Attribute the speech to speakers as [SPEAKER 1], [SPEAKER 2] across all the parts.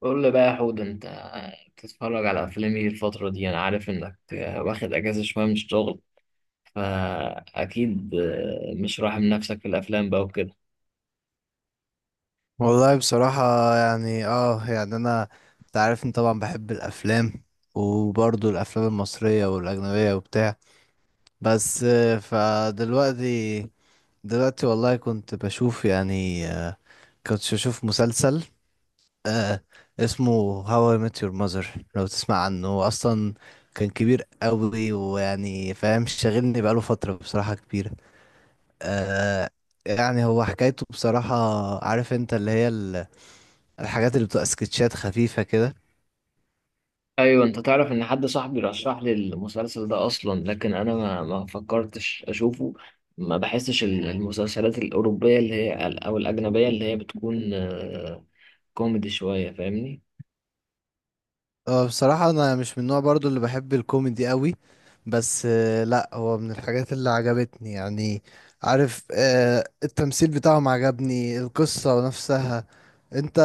[SPEAKER 1] قول لي بقى يا حود انت بتتفرج على افلام ايه الفترة دي؟ انا عارف انك واخد اجازة شوية من الشغل، فاكيد مش راحم نفسك في الافلام بقى وكده.
[SPEAKER 2] والله بصراحة. يعني يعني انا، انت عارف ان طبعا بحب الافلام، وبرضه الافلام المصرية والاجنبية وبتاع. بس فدلوقتي دلوقتي والله كنت بشوف مسلسل آه اسمه هاو اي ميت يور ماذر. لو تسمع عنه، هو اصلا كان كبير قوي، ويعني فاهم، شاغلني بقاله فترة بصراحة كبيرة. آه يعني هو حكايته بصراحة، عارف انت اللي هي الحاجات اللي بتبقى سكتشات خفيفة كده.
[SPEAKER 1] ايوه، انت تعرف ان حد صاحبي رشح لي المسلسل ده اصلا، لكن انا ما فكرتش اشوفه. ما بحسش المسلسلات الاوروبية اللي هي او الاجنبية اللي هي بتكون كوميدي شوية، فاهمني؟
[SPEAKER 2] اه بصراحة انا مش من النوع برضو اللي بحب الكوميدي قوي، بس لا هو من الحاجات اللي عجبتني يعني. عارف، التمثيل بتاعهم عجبني، القصة نفسها. انت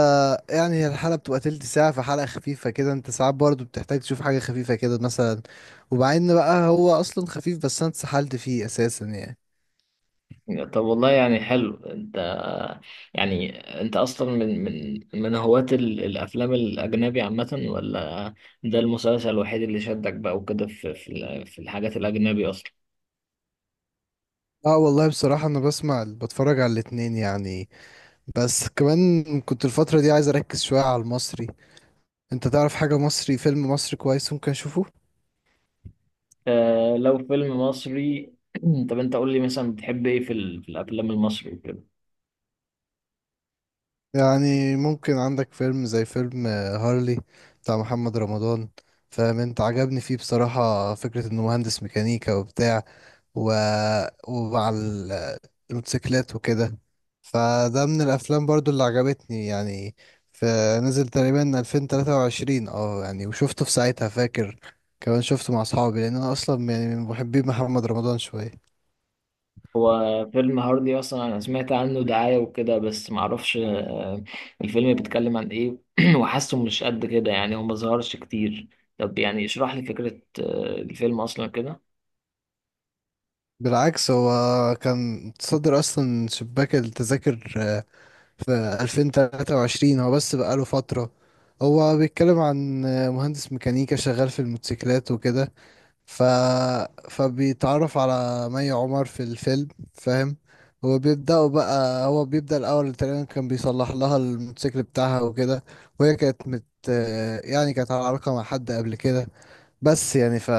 [SPEAKER 2] يعني هي الحلقة بتبقى تلت ساعة، فحلقة خفيفة كده، انت ساعات برضو بتحتاج تشوف حاجة خفيفة كده مثلا. وبعدين بقى هو اصلا خفيف، بس انا اتسحلت فيه اساسا يعني.
[SPEAKER 1] طب والله يعني حلو. انت يعني انت اصلا من هواة الافلام الاجنبي عامة، ولا ده المسلسل الوحيد اللي شدك بقى وكده في في الحاجات الاجنبي اصلا؟
[SPEAKER 2] اه والله بصراحة انا بسمع بتفرج على الاتنين يعني، بس كمان كنت الفترة دي عايز أركز شوية على المصري. أنت تعرف حاجة مصري، فيلم مصري كويس ممكن أشوفه.
[SPEAKER 1] آه، لو فيلم مصري طب انت قول لي مثلا، بتحب ايه في في الافلام المصري وكده؟
[SPEAKER 2] يعني ممكن عندك فيلم زي فيلم هارلي بتاع محمد رمضان. فاهم أنت، عجبني فيه بصراحة فكرة إنه مهندس ميكانيكا وبتاع، و... ومع الموتوسيكلات وكده. فده من الافلام برضو اللي عجبتني يعني. فنزل تقريبا 2023، يعني وشفته في ساعتها فاكر. كمان شفته مع اصحابي لان انا اصلا يعني من محبي محمد رمضان شويه.
[SPEAKER 1] هو فيلم هاردي اصلا انا سمعت عنه دعاية وكده، بس معرفش الفيلم بيتكلم عن ايه وحاسه مش قد كده يعني، هو مظهرش كتير. طب يعني اشرح لي فكرة الفيلم اصلا كده.
[SPEAKER 2] بالعكس، هو كان متصدر اصلا شباك التذاكر، في 2023 هو، بس بقاله فتره. هو بيتكلم عن مهندس ميكانيكا شغال في الموتوسيكلات وكده. ف... فبيتعرف على مي عمر في الفيلم. فاهم، هو بيبدأ الأول تقريبا كان بيصلح لها الموتوسيكل بتاعها وكده. وهي كانت مت يعني كانت على علاقة مع حد قبل كده. بس يعني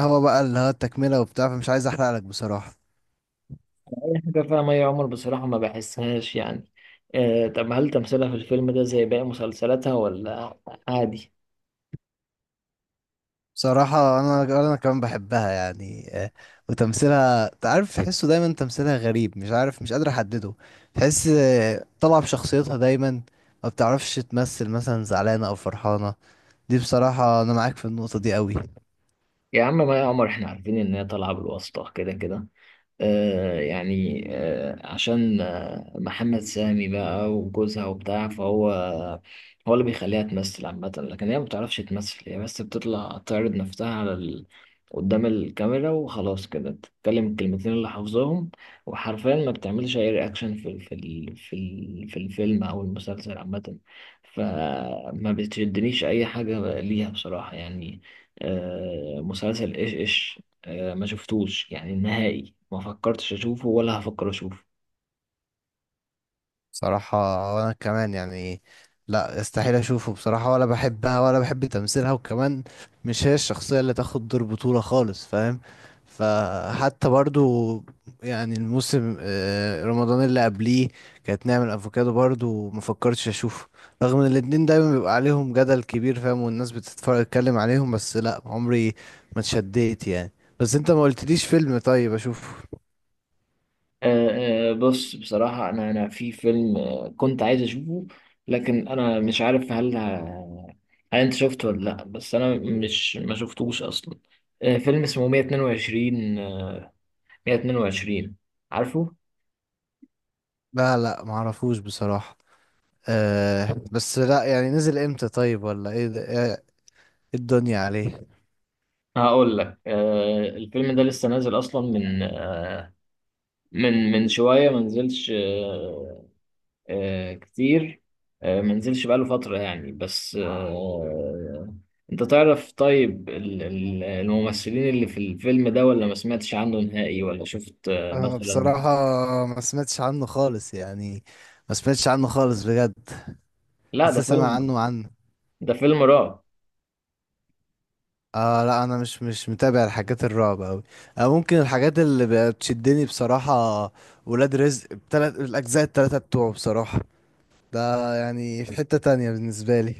[SPEAKER 2] هو بقى اللي هو التكملة وبتاع، فمش عايز أحرق لك بصراحة.
[SPEAKER 1] دي حاجة فيها مي عمر، بصراحة ما بحسهاش يعني. آه، طب هل تمثيلها في الفيلم ده زي باقي مسلسلاتها، ولا عادي؟
[SPEAKER 2] بصراحة أنا كمان بحبها يعني، وتمثيلها تعرف تحسه دايما تمثيلها غريب، مش عارف مش قادر أحدده. تحس طالعة بشخصيتها دايما، ما بتعرفش تمثل مثلا زعلانة او فرحانة. دي بصراحة انا معاك في النقطة دي قوي.
[SPEAKER 1] يا عم مي عمر احنا عارفين ان هي طالعة بالواسطة كده كده. آه، عشان محمد سامي بقى وجوزها وبتاع، فهو اللي بيخليها تمثل عامة، لكن هي ما بتعرفش تمثل، هي بس بتطلع تعرض نفسها على قدام الكاميرا وخلاص كده، تتكلم الكلمتين اللي حافظاهم، وحرفيا ما بتعملش اي رياكشن في الفيلم او المسلسل عامة. فما بتشدنيش اي حاجة ليها بصراحة يعني. مسلسل ايش ايش، ما شفتوش يعني نهائي، ما فكرتش اشوفه ولا هفكر اشوفه.
[SPEAKER 2] بصراحة وأنا كمان يعني، لا، استحيل أشوفه بصراحة، ولا بحبها ولا بحب تمثيلها، وكمان مش هي الشخصية اللي تاخد دور بطولة خالص فاهم. فحتى برضو يعني الموسم رمضان اللي قبليه كانت نعمة أفوكادو، برضو مفكرتش أشوفه رغم إن الاتنين دايما بيبقى عليهم جدل كبير فاهم، والناس بتتفرج تتكلم عليهم، بس لا عمري ما اتشديت يعني. بس انت ما قلتليش فيلم طيب أشوفه.
[SPEAKER 1] بص، بصراحة أنا في فيلم كنت عايز أشوفه، لكن أنا مش عارف هل هل أنت شفته ولا لأ، بس أنا مش ما شفتوش أصلا. فيلم اسمه 122، 122. عارفه؟
[SPEAKER 2] لا لا، معرفوش بصراحة. بس لا، يعني نزل امتى طيب، ولا ايه ده، ايه إيه الدنيا عليه؟
[SPEAKER 1] هقول لك، الفيلم ده لسه نازل أصلا من من شوية، ما نزلش كتير، ما نزلش بقاله فترة يعني، بس انت تعرف طيب الممثلين اللي في الفيلم ده، ولا ما سمعتش عنه نهائي ولا شفت
[SPEAKER 2] انا
[SPEAKER 1] مثلا؟
[SPEAKER 2] بصراحة ما سمعتش عنه خالص يعني، ما سمعتش عنه خالص بجد.
[SPEAKER 1] لا،
[SPEAKER 2] لسه سامع عنه.
[SPEAKER 1] ده فيلم رعب.
[SPEAKER 2] اه لا، انا مش متابع الحاجات الرعب اوي. ممكن الحاجات اللي بتشدني بصراحة، ولاد رزق بتلات الاجزاء التلاتة بتوعه بصراحة، ده يعني في حتة تانية بالنسبة لي.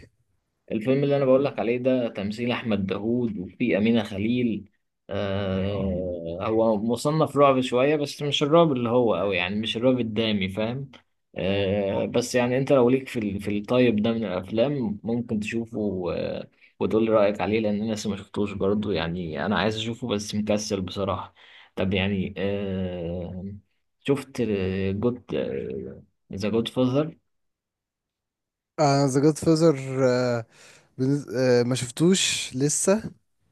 [SPEAKER 1] الفيلم اللي انا بقول لك عليه ده تمثيل احمد داوود، وفي امينه خليل. آه، هو مصنف رعب شويه بس مش الرعب اللي هو قوي يعني، مش الرعب الدامي فاهم. آه، بس يعني انت لو ليك في الطيب ده من الافلام، ممكن تشوفه آه، وتقول لي رايك عليه، لان انا لسه ما شفتوش برضه يعني، انا عايز اشوفه بس مكسل بصراحه. طب يعني شفت جود، ذا جود فازر؟
[SPEAKER 2] انا ذا جود فازر، بنز... آه، ما شفتوش لسه،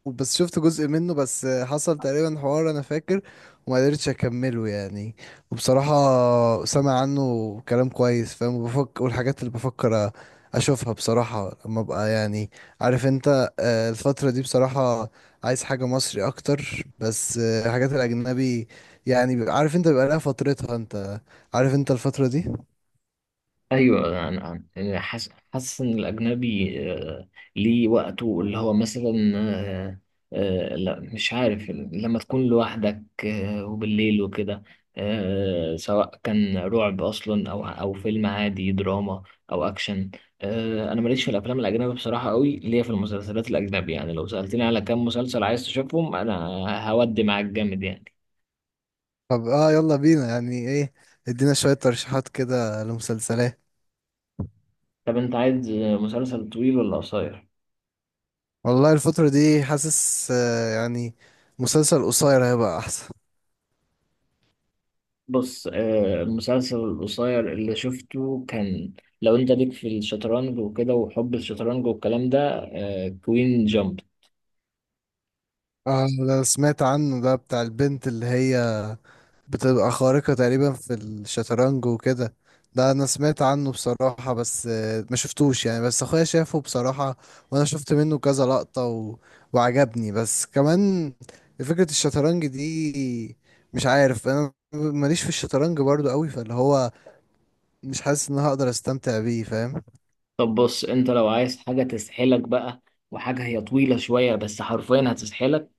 [SPEAKER 2] بس شفت جزء منه. بس حصل تقريبا حوار انا فاكر، وما قدرتش اكمله يعني. وبصراحة سامع عنه كلام كويس فاهم، بفكر، والحاجات اللي بفكر اشوفها بصراحة لما ابقى يعني، عارف انت، الفترة دي بصراحة عايز حاجة مصري اكتر، بس الحاجات الاجنبي يعني عارف انت بيبقى لها فترتها، انت عارف انت الفترة دي.
[SPEAKER 1] ايوه. انا أنا- يعني حاسس ان الاجنبي ليه وقته، اللي هو مثلا لا مش عارف، لما تكون لوحدك وبالليل وكده، سواء كان رعب اصلا او فيلم عادي، دراما او اكشن. انا ماليش في الافلام الاجنبي بصراحه، قوي ليا في المسلسلات الاجنبي يعني، لو سالتني على كام مسلسل عايز تشوفهم، انا هودي معاك جامد يعني.
[SPEAKER 2] طب يلا بينا يعني ايه، ادينا شوية ترشيحات كده لمسلسلات.
[SPEAKER 1] طب انت عايز مسلسل طويل ولا قصير؟
[SPEAKER 2] والله الفترة دي حاسس يعني مسلسل قصير هيبقى أحسن.
[SPEAKER 1] بص، المسلسل القصير اللي شفته كان، لو انت ليك في الشطرنج وكده وحب الشطرنج والكلام ده، كوين جامب.
[SPEAKER 2] اه ده سمعت عنه، ده بتاع البنت اللي هي بتبقى خارقة تقريبا في الشطرنج وكده. ده أنا سمعت عنه بصراحة، بس ما شفتوش يعني، بس أخويا شافه بصراحة. وأنا شفت منه كذا لقطة وعجبني، بس كمان فكرة الشطرنج دي مش عارف، أنا ماليش في الشطرنج برضو قوي، فاللي هو مش حاسس إن أنا هقدر أستمتع بيه فاهم.
[SPEAKER 1] طب بص، انت لو عايز حاجة تسحلك بقى، وحاجة هي طويلة شوية بس حرفيا هتسحلك،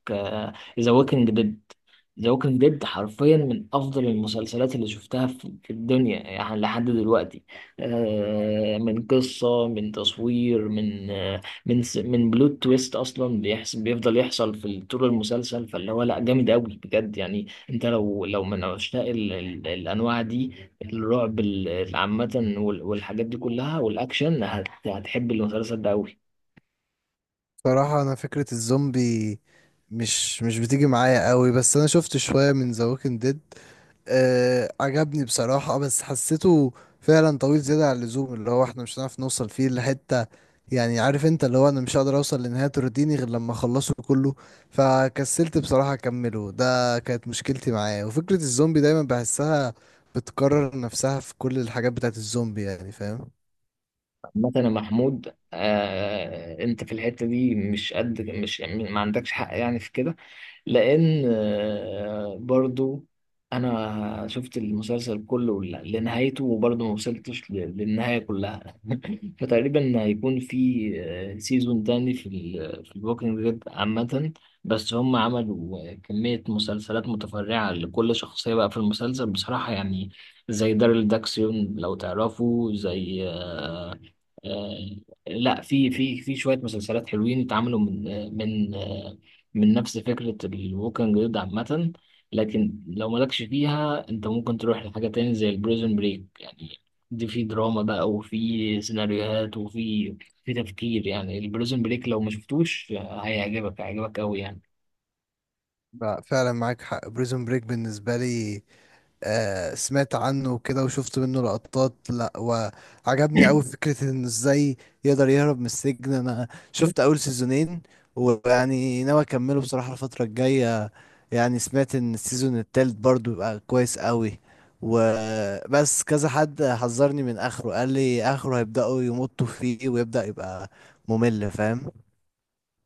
[SPEAKER 1] ذا ووكينج ديد. ذا ووكينج ديد حرفيا من افضل المسلسلات اللي شفتها في في الدنيا يعني لحد دلوقتي. من قصه، من تصوير، من بلوت تويست اصلا بيحصل، بيفضل يحصل في طول المسلسل، فاللي هو لا جامد قوي بجد يعني. انت لو من عشاق الانواع دي، الرعب عامه وال- والحاجات دي كلها والاكشن، هتحب المسلسل ده قوي.
[SPEAKER 2] صراحة أنا فكرة الزومبي مش بتيجي معايا قوي، بس أنا شفت شوية من ذا ووكينج ديد. عجبني بصراحة، بس حسيته فعلا طويل زيادة عن اللزوم، اللي هو احنا مش هنعرف نوصل فيه لحتة. يعني عارف انت اللي هو أنا مش هقدر أوصل لنهاية ترضيني غير لما أخلصه كله، فكسلت بصراحة أكمله. ده كانت مشكلتي معاه. وفكرة الزومبي دايما بحسها بتكرر نفسها في كل الحاجات بتاعت الزومبي يعني فاهم.
[SPEAKER 1] مثلا محمود، آه انت في الحتة دي مش قد، مش يعني ما عندكش حق يعني في كده، لان برضو انا شفت المسلسل كله لنهايته وبرضو ما وصلتش للنهاية كلها فتقريبا هيكون في سيزون تاني في ال في الووكينج ديد عامة، بس هم عملوا كمية مسلسلات متفرعة لكل شخصية بقى في المسلسل بصراحة يعني، زي داريل داكسيون لو تعرفوا، زي آه، لا، في شوية مسلسلات حلوين اتعملوا من من نفس فكرة الووكينج ديد عامة. لكن لو مالكش فيها، انت ممكن تروح لحاجة تاني زي البريزون بريك يعني. دي في دراما بقى، وفي سيناريوهات، وفي في تفكير يعني. البريزون بريك لو ما شفتوش هيعجبك، قوي يعني.
[SPEAKER 2] بقى فعلا معاك حق، بريزون بريك بالنسبة لي سمعت عنه وكده، وشفت منه لقطات، لا وعجبني قوي فكرة انه ازاي يقدر يهرب من السجن. انا شفت اول سيزونين، ويعني ناوي اكمله بصراحة الفترة الجاية. يعني سمعت ان السيزون التالت برضو يبقى كويس قوي. وبس كذا حد حذرني من اخره، قال لي اخره هيبدأوا يمطوا فيه ويبدأ يبقى ممل فاهم.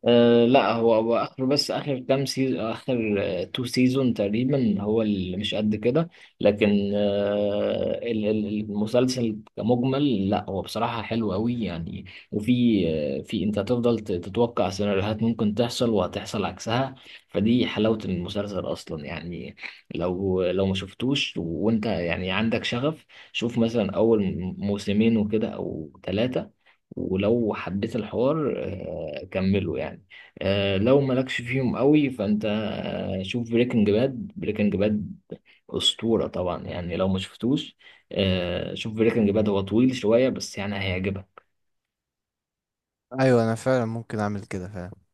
[SPEAKER 1] أه لا، هو هو اخر بس اخر كام سيزون، تو سيزون تقريبا، هو اللي مش قد كده، لكن أه المسلسل كمجمل لا، هو بصراحة حلو قوي يعني. وفي آه، في انت هتفضل تتوقع سيناريوهات ممكن تحصل، وهتحصل عكسها. فدي حلاوة المسلسل اصلا يعني. لو ما شفتوش وانت يعني عندك شغف، شوف مثلا اول موسمين وكده او ثلاثة، ولو حبيت الحوار كمله يعني. لو مالكش فيهم قوي، فانت شوف بريكنج باد. بريكنج باد أسطورة طبعا يعني، لو ما شفتوش شوف بريكنج باد. هو طويل شوية بس يعني هيعجبك.
[SPEAKER 2] ايوه، انا فعلا ممكن اعمل كده فعلا.